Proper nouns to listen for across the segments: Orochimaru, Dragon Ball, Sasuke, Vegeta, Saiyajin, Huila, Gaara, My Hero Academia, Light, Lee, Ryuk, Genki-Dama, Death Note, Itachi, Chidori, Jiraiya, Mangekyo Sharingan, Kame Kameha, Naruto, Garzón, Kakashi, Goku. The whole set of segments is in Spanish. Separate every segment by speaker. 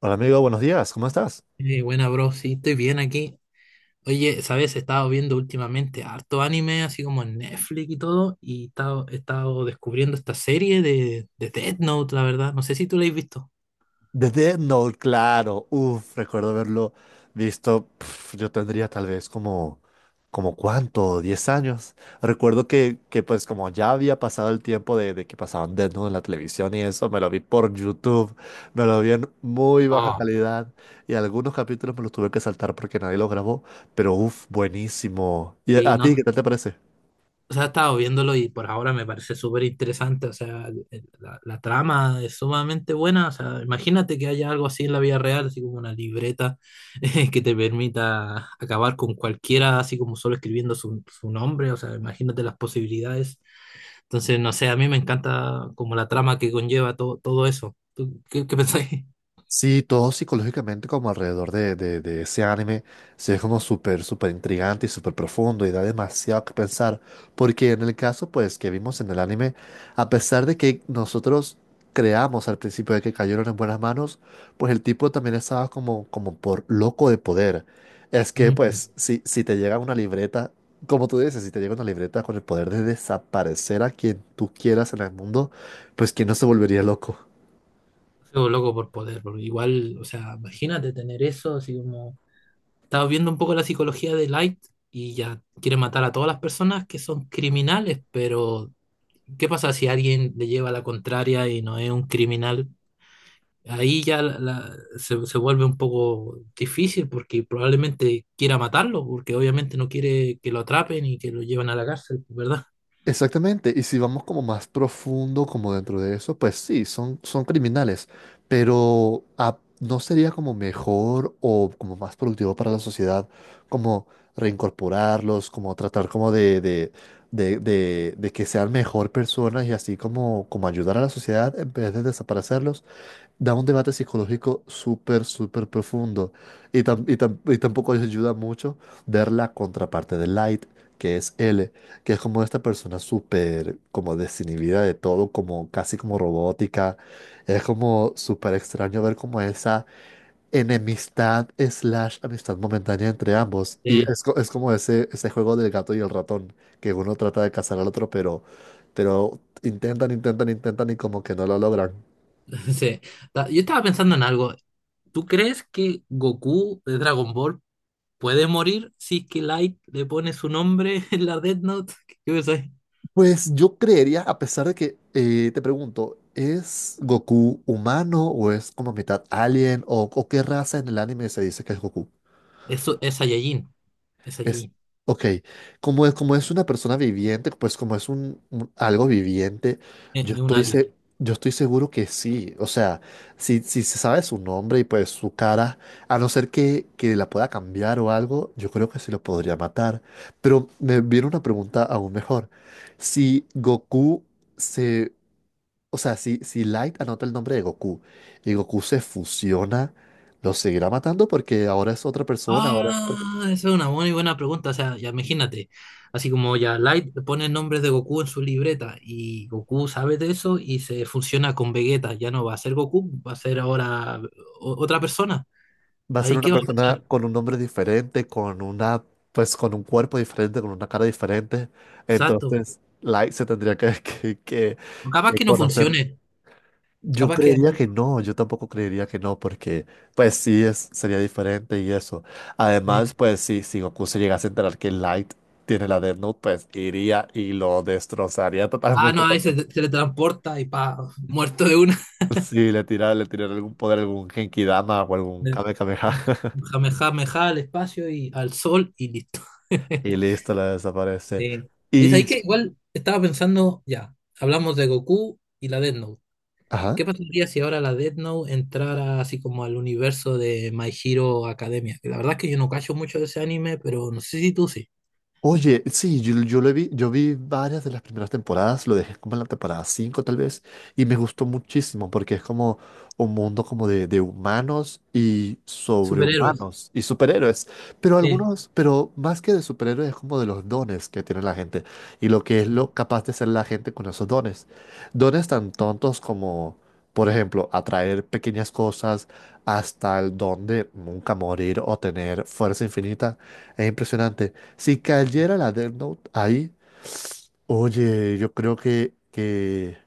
Speaker 1: Hola amigo, buenos días, ¿cómo estás?
Speaker 2: Buena, bro, sí, estoy bien aquí. Oye, ¿sabes? He estado viendo últimamente harto anime, así como en Netflix y todo, y he estado descubriendo esta serie de Death Note, la verdad. No sé si tú la has visto.
Speaker 1: The Death Note, claro. Uf, recuerdo haberlo visto. Pf, yo tendría tal vez como, como cuánto, 10 años. Recuerdo que pues como ya había pasado el tiempo de que pasaban Death Note en la televisión y eso, me lo vi por YouTube, me lo vi en muy baja
Speaker 2: Ah,
Speaker 1: calidad y algunos capítulos me los tuve que saltar porque nadie los grabó, pero uf, buenísimo. ¿Y a
Speaker 2: sí,
Speaker 1: a ti
Speaker 2: no,
Speaker 1: qué tal te parece?
Speaker 2: o sea, he estado viéndolo y por ahora me parece súper interesante. O sea, la trama es sumamente buena. O sea, imagínate que haya algo así en la vida real, así como una libreta que te permita acabar con cualquiera, así como solo escribiendo su nombre. O sea, imagínate las posibilidades. Entonces, no sé, a mí me encanta como la trama que conlleva todo, todo eso. ¿Tú qué pensáis?
Speaker 1: Sí, todo psicológicamente como alrededor de ese anime, sí es como súper, súper intrigante y súper profundo y da demasiado que pensar, porque en el caso pues que vimos en el anime, a pesar de que nosotros creamos al principio de que cayeron en buenas manos, pues el tipo también estaba como, como por loco de poder. Es que
Speaker 2: Mm,
Speaker 1: pues si te llega una libreta, como tú dices, si te llega una libreta con el poder de desaparecer a quien tú quieras en el mundo, pues ¿quién no se volvería loco?
Speaker 2: sigo loco por poder, porque igual, o sea, imagínate tener eso, así como... Estaba viendo un poco la psicología de Light y ya quiere matar a todas las personas que son criminales, pero ¿qué pasa si alguien le lleva la contraria y no es un criminal? Ahí ya se vuelve un poco difícil porque probablemente quiera matarlo, porque obviamente no quiere que lo atrapen y que lo lleven a la cárcel, ¿verdad?
Speaker 1: Exactamente, y si vamos como más profundo, como dentro de eso, pues sí, son criminales, pero ¿no sería como mejor o como más productivo para la sociedad como reincorporarlos, como tratar como de que sean mejor personas y así como, como ayudar a la sociedad en vez de desaparecerlos? Da un debate psicológico súper, súper profundo. Y tampoco les ayuda mucho ver la contraparte de Light, que es L, que es como esta persona súper, como desinhibida de todo, como casi como robótica. Es como súper extraño ver como esa enemistad slash amistad momentánea entre ambos. Y es, es como ese juego del gato y el ratón, que uno trata de cazar al otro, pero intentan y como que no lo logran.
Speaker 2: Sí. Yo estaba pensando en algo. ¿Tú crees que Goku de Dragon Ball puede morir si es que Light le pone su nombre en la Death Note? ¿Qué pensáis?
Speaker 1: Pues yo creería, a pesar de que te pregunto, ¿es Goku humano o es como mitad alien o qué raza en el anime se dice que es Goku?
Speaker 2: Eso es Saiyajin. Es
Speaker 1: Es,
Speaker 2: Saiyajin.
Speaker 1: ok, como es una persona viviente, pues como es algo viviente, yo
Speaker 2: Es un
Speaker 1: estoy,
Speaker 2: alien.
Speaker 1: se- yo estoy seguro que sí. O sea, si se sabe su nombre y pues su cara, a no ser que la pueda cambiar o algo, yo creo que sí lo podría matar. Pero me viene una pregunta aún mejor. Si Goku se… O sea, si Light anota el nombre de Goku y Goku se fusiona, ¿lo seguirá matando? Porque ahora es otra persona, ahora…
Speaker 2: Ah, esa es una muy buena pregunta. O sea, ya imagínate. Así como ya Light le pone el nombre de Goku en su libreta y Goku sabe de eso y se funciona con Vegeta. Ya no va a ser Goku, va a ser ahora otra persona.
Speaker 1: Va a ser
Speaker 2: ¿Ahí
Speaker 1: una
Speaker 2: qué va a
Speaker 1: persona
Speaker 2: pasar?
Speaker 1: con un nombre diferente, con una, pues con un cuerpo diferente, con una cara diferente.
Speaker 2: Exacto.
Speaker 1: Entonces, Light se tendría
Speaker 2: Capaz
Speaker 1: que
Speaker 2: que no funcione.
Speaker 1: conocer. Yo
Speaker 2: Capaz que
Speaker 1: creería
Speaker 2: ahí,
Speaker 1: que no, yo tampoco creería que no, porque pues sí es, sería diferente y eso.
Speaker 2: eh,
Speaker 1: Además, pues sí, si Goku se llegase a enterar que Light tiene la Death Note, pues iría y lo destrozaría
Speaker 2: no,
Speaker 1: totalmente
Speaker 2: ahí se
Speaker 1: también.
Speaker 2: teletransporta y pa, muerto de una.
Speaker 1: Sí, le tira, le tiraría algún poder, algún Genki-Dama o algún Kame Kameha
Speaker 2: Jame, meja al espacio y al sol y listo.
Speaker 1: y listo, la desaparece.
Speaker 2: Sí. Es
Speaker 1: Y
Speaker 2: ahí que
Speaker 1: sí.
Speaker 2: igual estaba pensando, ya, hablamos de Goku y la Death Note. ¿Qué
Speaker 1: Ajá.
Speaker 2: pasaría si ahora la Death Note entrara así como al universo de My Hero Academia? Que la verdad es que yo no cacho mucho de ese anime, pero no sé si tú sí.
Speaker 1: Oye, sí, yo lo vi, yo vi varias de las primeras temporadas, lo dejé como en la temporada 5 tal vez, y me gustó muchísimo porque es como un mundo como de humanos y
Speaker 2: Superhéroes.
Speaker 1: sobrehumanos y superhéroes, pero
Speaker 2: Sí.
Speaker 1: algunos, pero más que de superhéroes es como de los dones que tiene la gente y lo que es lo capaz de ser la gente con esos dones. Dones tan tontos como… Por ejemplo, atraer pequeñas cosas hasta el don de nunca morir o tener fuerza infinita es impresionante. Si cayera la Death Note ahí, oye, yo creo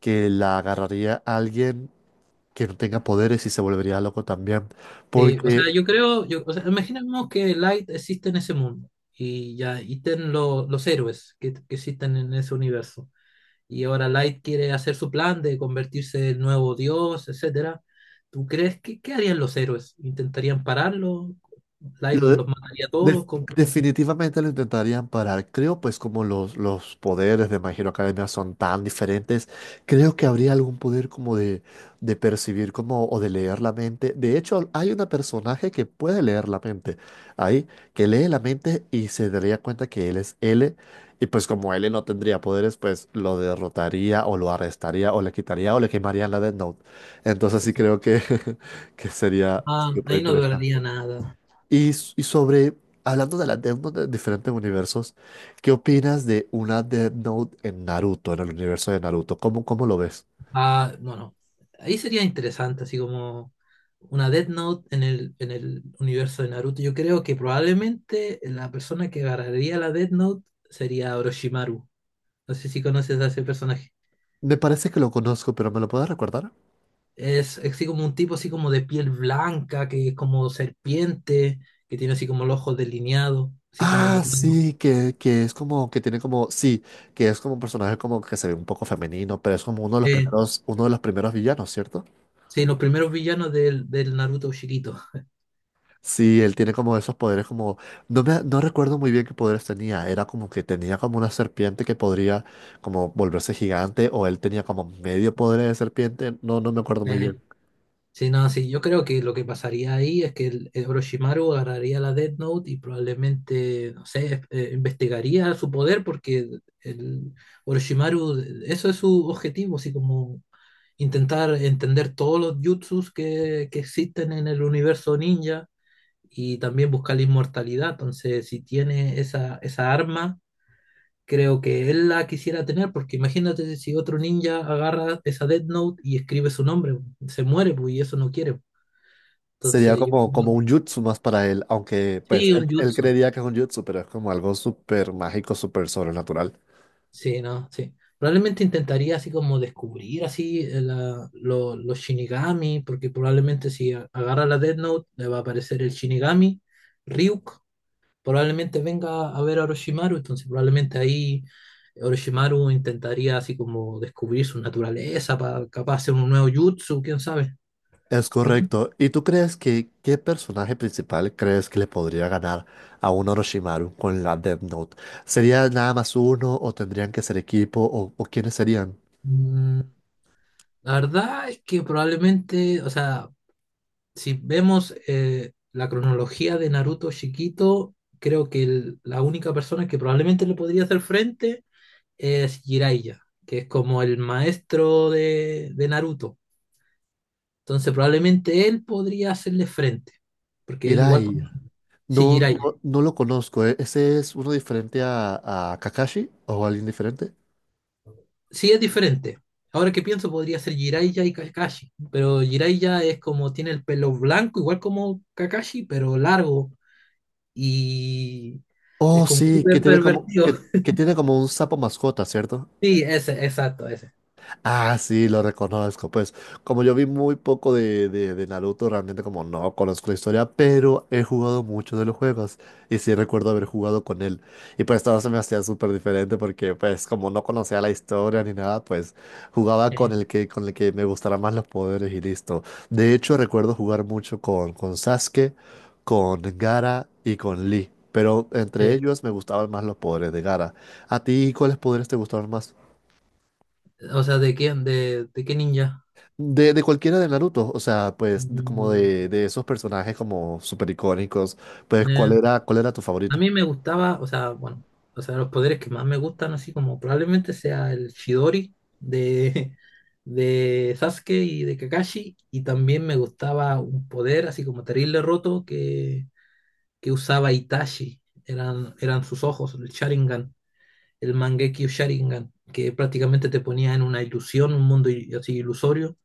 Speaker 1: que la agarraría alguien que no tenga poderes y se volvería loco también.
Speaker 2: Sí, o
Speaker 1: Porque
Speaker 2: sea, yo creo, yo, o sea, imaginemos que Light existe en ese mundo y ya y estén los héroes que existen en ese universo. Y ahora Light quiere hacer su plan de convertirse en nuevo dios, etcétera. ¿Tú crees que qué harían los héroes? ¿Intentarían pararlo? ¿Light
Speaker 1: lo
Speaker 2: los
Speaker 1: de-
Speaker 2: mataría a todos?
Speaker 1: Def-
Speaker 2: Cómo?
Speaker 1: definitivamente lo intentarían parar. Creo, pues, como los poderes de My Hero Academia son tan diferentes, creo que habría algún poder como de percibir como, o de leer la mente. De hecho, hay una personaje que puede leer la mente ahí, que lee la mente y se daría cuenta que él es L. Y pues como L no tendría poderes, pues lo derrotaría o lo arrestaría o le quitaría o le quemarían la Death Note. Entonces sí creo que sería
Speaker 2: Ah,
Speaker 1: súper
Speaker 2: ahí no lograría
Speaker 1: interesante.
Speaker 2: nada.
Speaker 1: Y sobre, hablando de las Death Note de diferentes universos, ¿qué opinas de una Death Note en Naruto, en el universo de Naruto? ¿Cómo, cómo lo ves?
Speaker 2: Ah, no, no. Ahí sería interesante, así como una Death Note en el universo de Naruto. Yo creo que probablemente la persona que agarraría la Death Note sería Orochimaru. No sé si conoces a ese personaje.
Speaker 1: Me parece que lo conozco, pero ¿me lo puedes recordar?
Speaker 2: Es así como un tipo así como de piel blanca, que es como serpiente, que tiene así como los ojos delineados, así como
Speaker 1: Ah,
Speaker 2: morado.
Speaker 1: sí, que es como, que tiene como, sí, que es como un personaje como que se ve un poco femenino, pero es como uno de los
Speaker 2: Eh,
Speaker 1: primeros, uno de los primeros villanos, ¿cierto?
Speaker 2: sí, los primeros villanos del, del Naruto chiquito.
Speaker 1: Sí, él tiene como esos poderes como… no recuerdo muy bien qué poderes tenía. Era como que tenía como una serpiente que podría como volverse gigante o él tenía como medio poder de serpiente. No, no me acuerdo muy
Speaker 2: Eh,
Speaker 1: bien.
Speaker 2: Sí, no, sí, yo creo que lo que pasaría ahí es que el Orochimaru agarraría la Death Note y probablemente, no sé, investigaría su poder porque el Orochimaru, eso es su objetivo, así como intentar entender todos los jutsus que existen en el universo ninja y también buscar la inmortalidad. Entonces, si tiene esa, esa arma, creo que él la quisiera tener porque imagínate si otro ninja agarra esa Death Note y escribe su nombre, se muere pues, y eso no quiere.
Speaker 1: Sería
Speaker 2: Entonces, yo,
Speaker 1: como, como un jutsu más para él, aunque pues
Speaker 2: sí,
Speaker 1: él,
Speaker 2: un
Speaker 1: él
Speaker 2: jutsu.
Speaker 1: creería que es un jutsu, pero es como algo súper mágico, súper sobrenatural.
Speaker 2: Sí, no, sí. Probablemente intentaría así como descubrir así los Shinigami, porque probablemente si agarra la Death Note le va a aparecer el Shinigami, Ryuk, probablemente venga a ver a Orochimaru, entonces probablemente ahí Orochimaru intentaría así como descubrir su naturaleza para capaz hacer un nuevo jutsu, quién sabe,
Speaker 1: Es
Speaker 2: ¿verdad?
Speaker 1: correcto. ¿Y tú crees que qué personaje principal crees que le podría ganar a un Orochimaru con la Death Note? ¿Sería nada más uno o tendrían que ser equipo o quiénes serían?
Speaker 2: Mm, la verdad es que probablemente, o sea, si vemos la cronología de Naruto chiquito, creo que la única persona que probablemente le podría hacer frente es Jiraiya, que es como el maestro de Naruto. Entonces probablemente él podría hacerle frente, porque él igual... con-
Speaker 1: Hirai.
Speaker 2: Sí,
Speaker 1: No,
Speaker 2: Jiraiya.
Speaker 1: no, no lo conozco. ¿Eh? ¿Ese es uno diferente a Kakashi o alguien diferente?
Speaker 2: Sí es diferente. Ahora que pienso, podría ser Jiraiya y Kakashi, pero Jiraiya es como tiene el pelo blanco, igual como Kakashi, pero largo y es
Speaker 1: Oh,
Speaker 2: como
Speaker 1: sí,
Speaker 2: súper pervertido.
Speaker 1: que tiene como un sapo mascota, ¿cierto?
Speaker 2: Sí, ese, exacto, ese.
Speaker 1: Ah, sí, lo reconozco. Pues como yo vi muy poco de Naruto, realmente como no conozco la historia, pero he jugado mucho de los juegos y sí recuerdo haber jugado con él. Y pues todo se me hacía súper diferente porque pues como no conocía la historia ni nada, pues jugaba
Speaker 2: Este,
Speaker 1: con el que me gustara más los poderes y listo. De hecho, recuerdo jugar mucho con Sasuke, con Gaara y con Lee, pero entre ellos me gustaban más los poderes de Gaara. ¿A ti cuáles poderes te gustaban más?
Speaker 2: o sea, ¿de quién? ¿De qué ninja?
Speaker 1: De cualquiera de Naruto, o sea, pues como
Speaker 2: Mm,
Speaker 1: de esos personajes como súper icónicos, pues
Speaker 2: eh,
Speaker 1: cuál era tu
Speaker 2: a
Speaker 1: favorito?
Speaker 2: mí me gustaba, o sea, bueno, o sea, los poderes que más me gustan, así como probablemente sea el Chidori de, de Sasuke y de Kakashi, y también me gustaba un poder así como terrible roto que usaba Itachi, eran, eran sus ojos, el Sharingan. El Mangekyo Sharingan, que prácticamente te ponía en una ilusión, un mundo así ilusorio,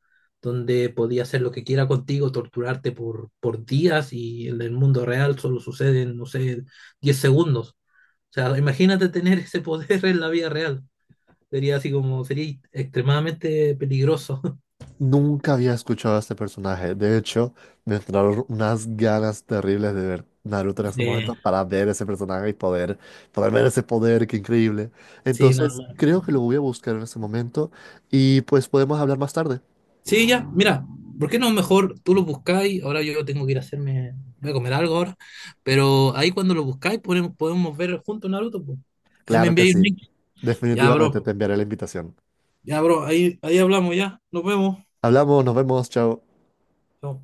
Speaker 2: donde podía hacer lo que quiera contigo, torturarte por días y en el mundo real solo suceden, no sé, 10 segundos. O sea, imagínate tener ese poder en la vida real. Sería así como, sería extremadamente peligroso.
Speaker 1: Nunca había escuchado a este personaje, de hecho, me entraron unas ganas terribles de ver Naruto en ese
Speaker 2: Sí,
Speaker 1: momento para ver ese personaje y poder, poder ver ese poder, qué increíble.
Speaker 2: sí, no,
Speaker 1: Entonces, creo que lo voy a buscar en ese momento y pues podemos hablar más tarde.
Speaker 2: sí, ya, mira, ¿por qué no mejor tú lo buscáis? Ahora yo tengo que ir a hacerme, voy a comer algo ahora, pero ahí cuando lo buscáis podemos, podemos ver juntos Naruto, pues. Ahí me
Speaker 1: Claro que
Speaker 2: enviáis un
Speaker 1: sí,
Speaker 2: link. Ya,
Speaker 1: definitivamente claro,
Speaker 2: bro,
Speaker 1: te enviaré la invitación.
Speaker 2: ya, bro, ahí, ahí hablamos, ya, nos vemos.
Speaker 1: Hablamos, nos vemos, chao.
Speaker 2: Chao.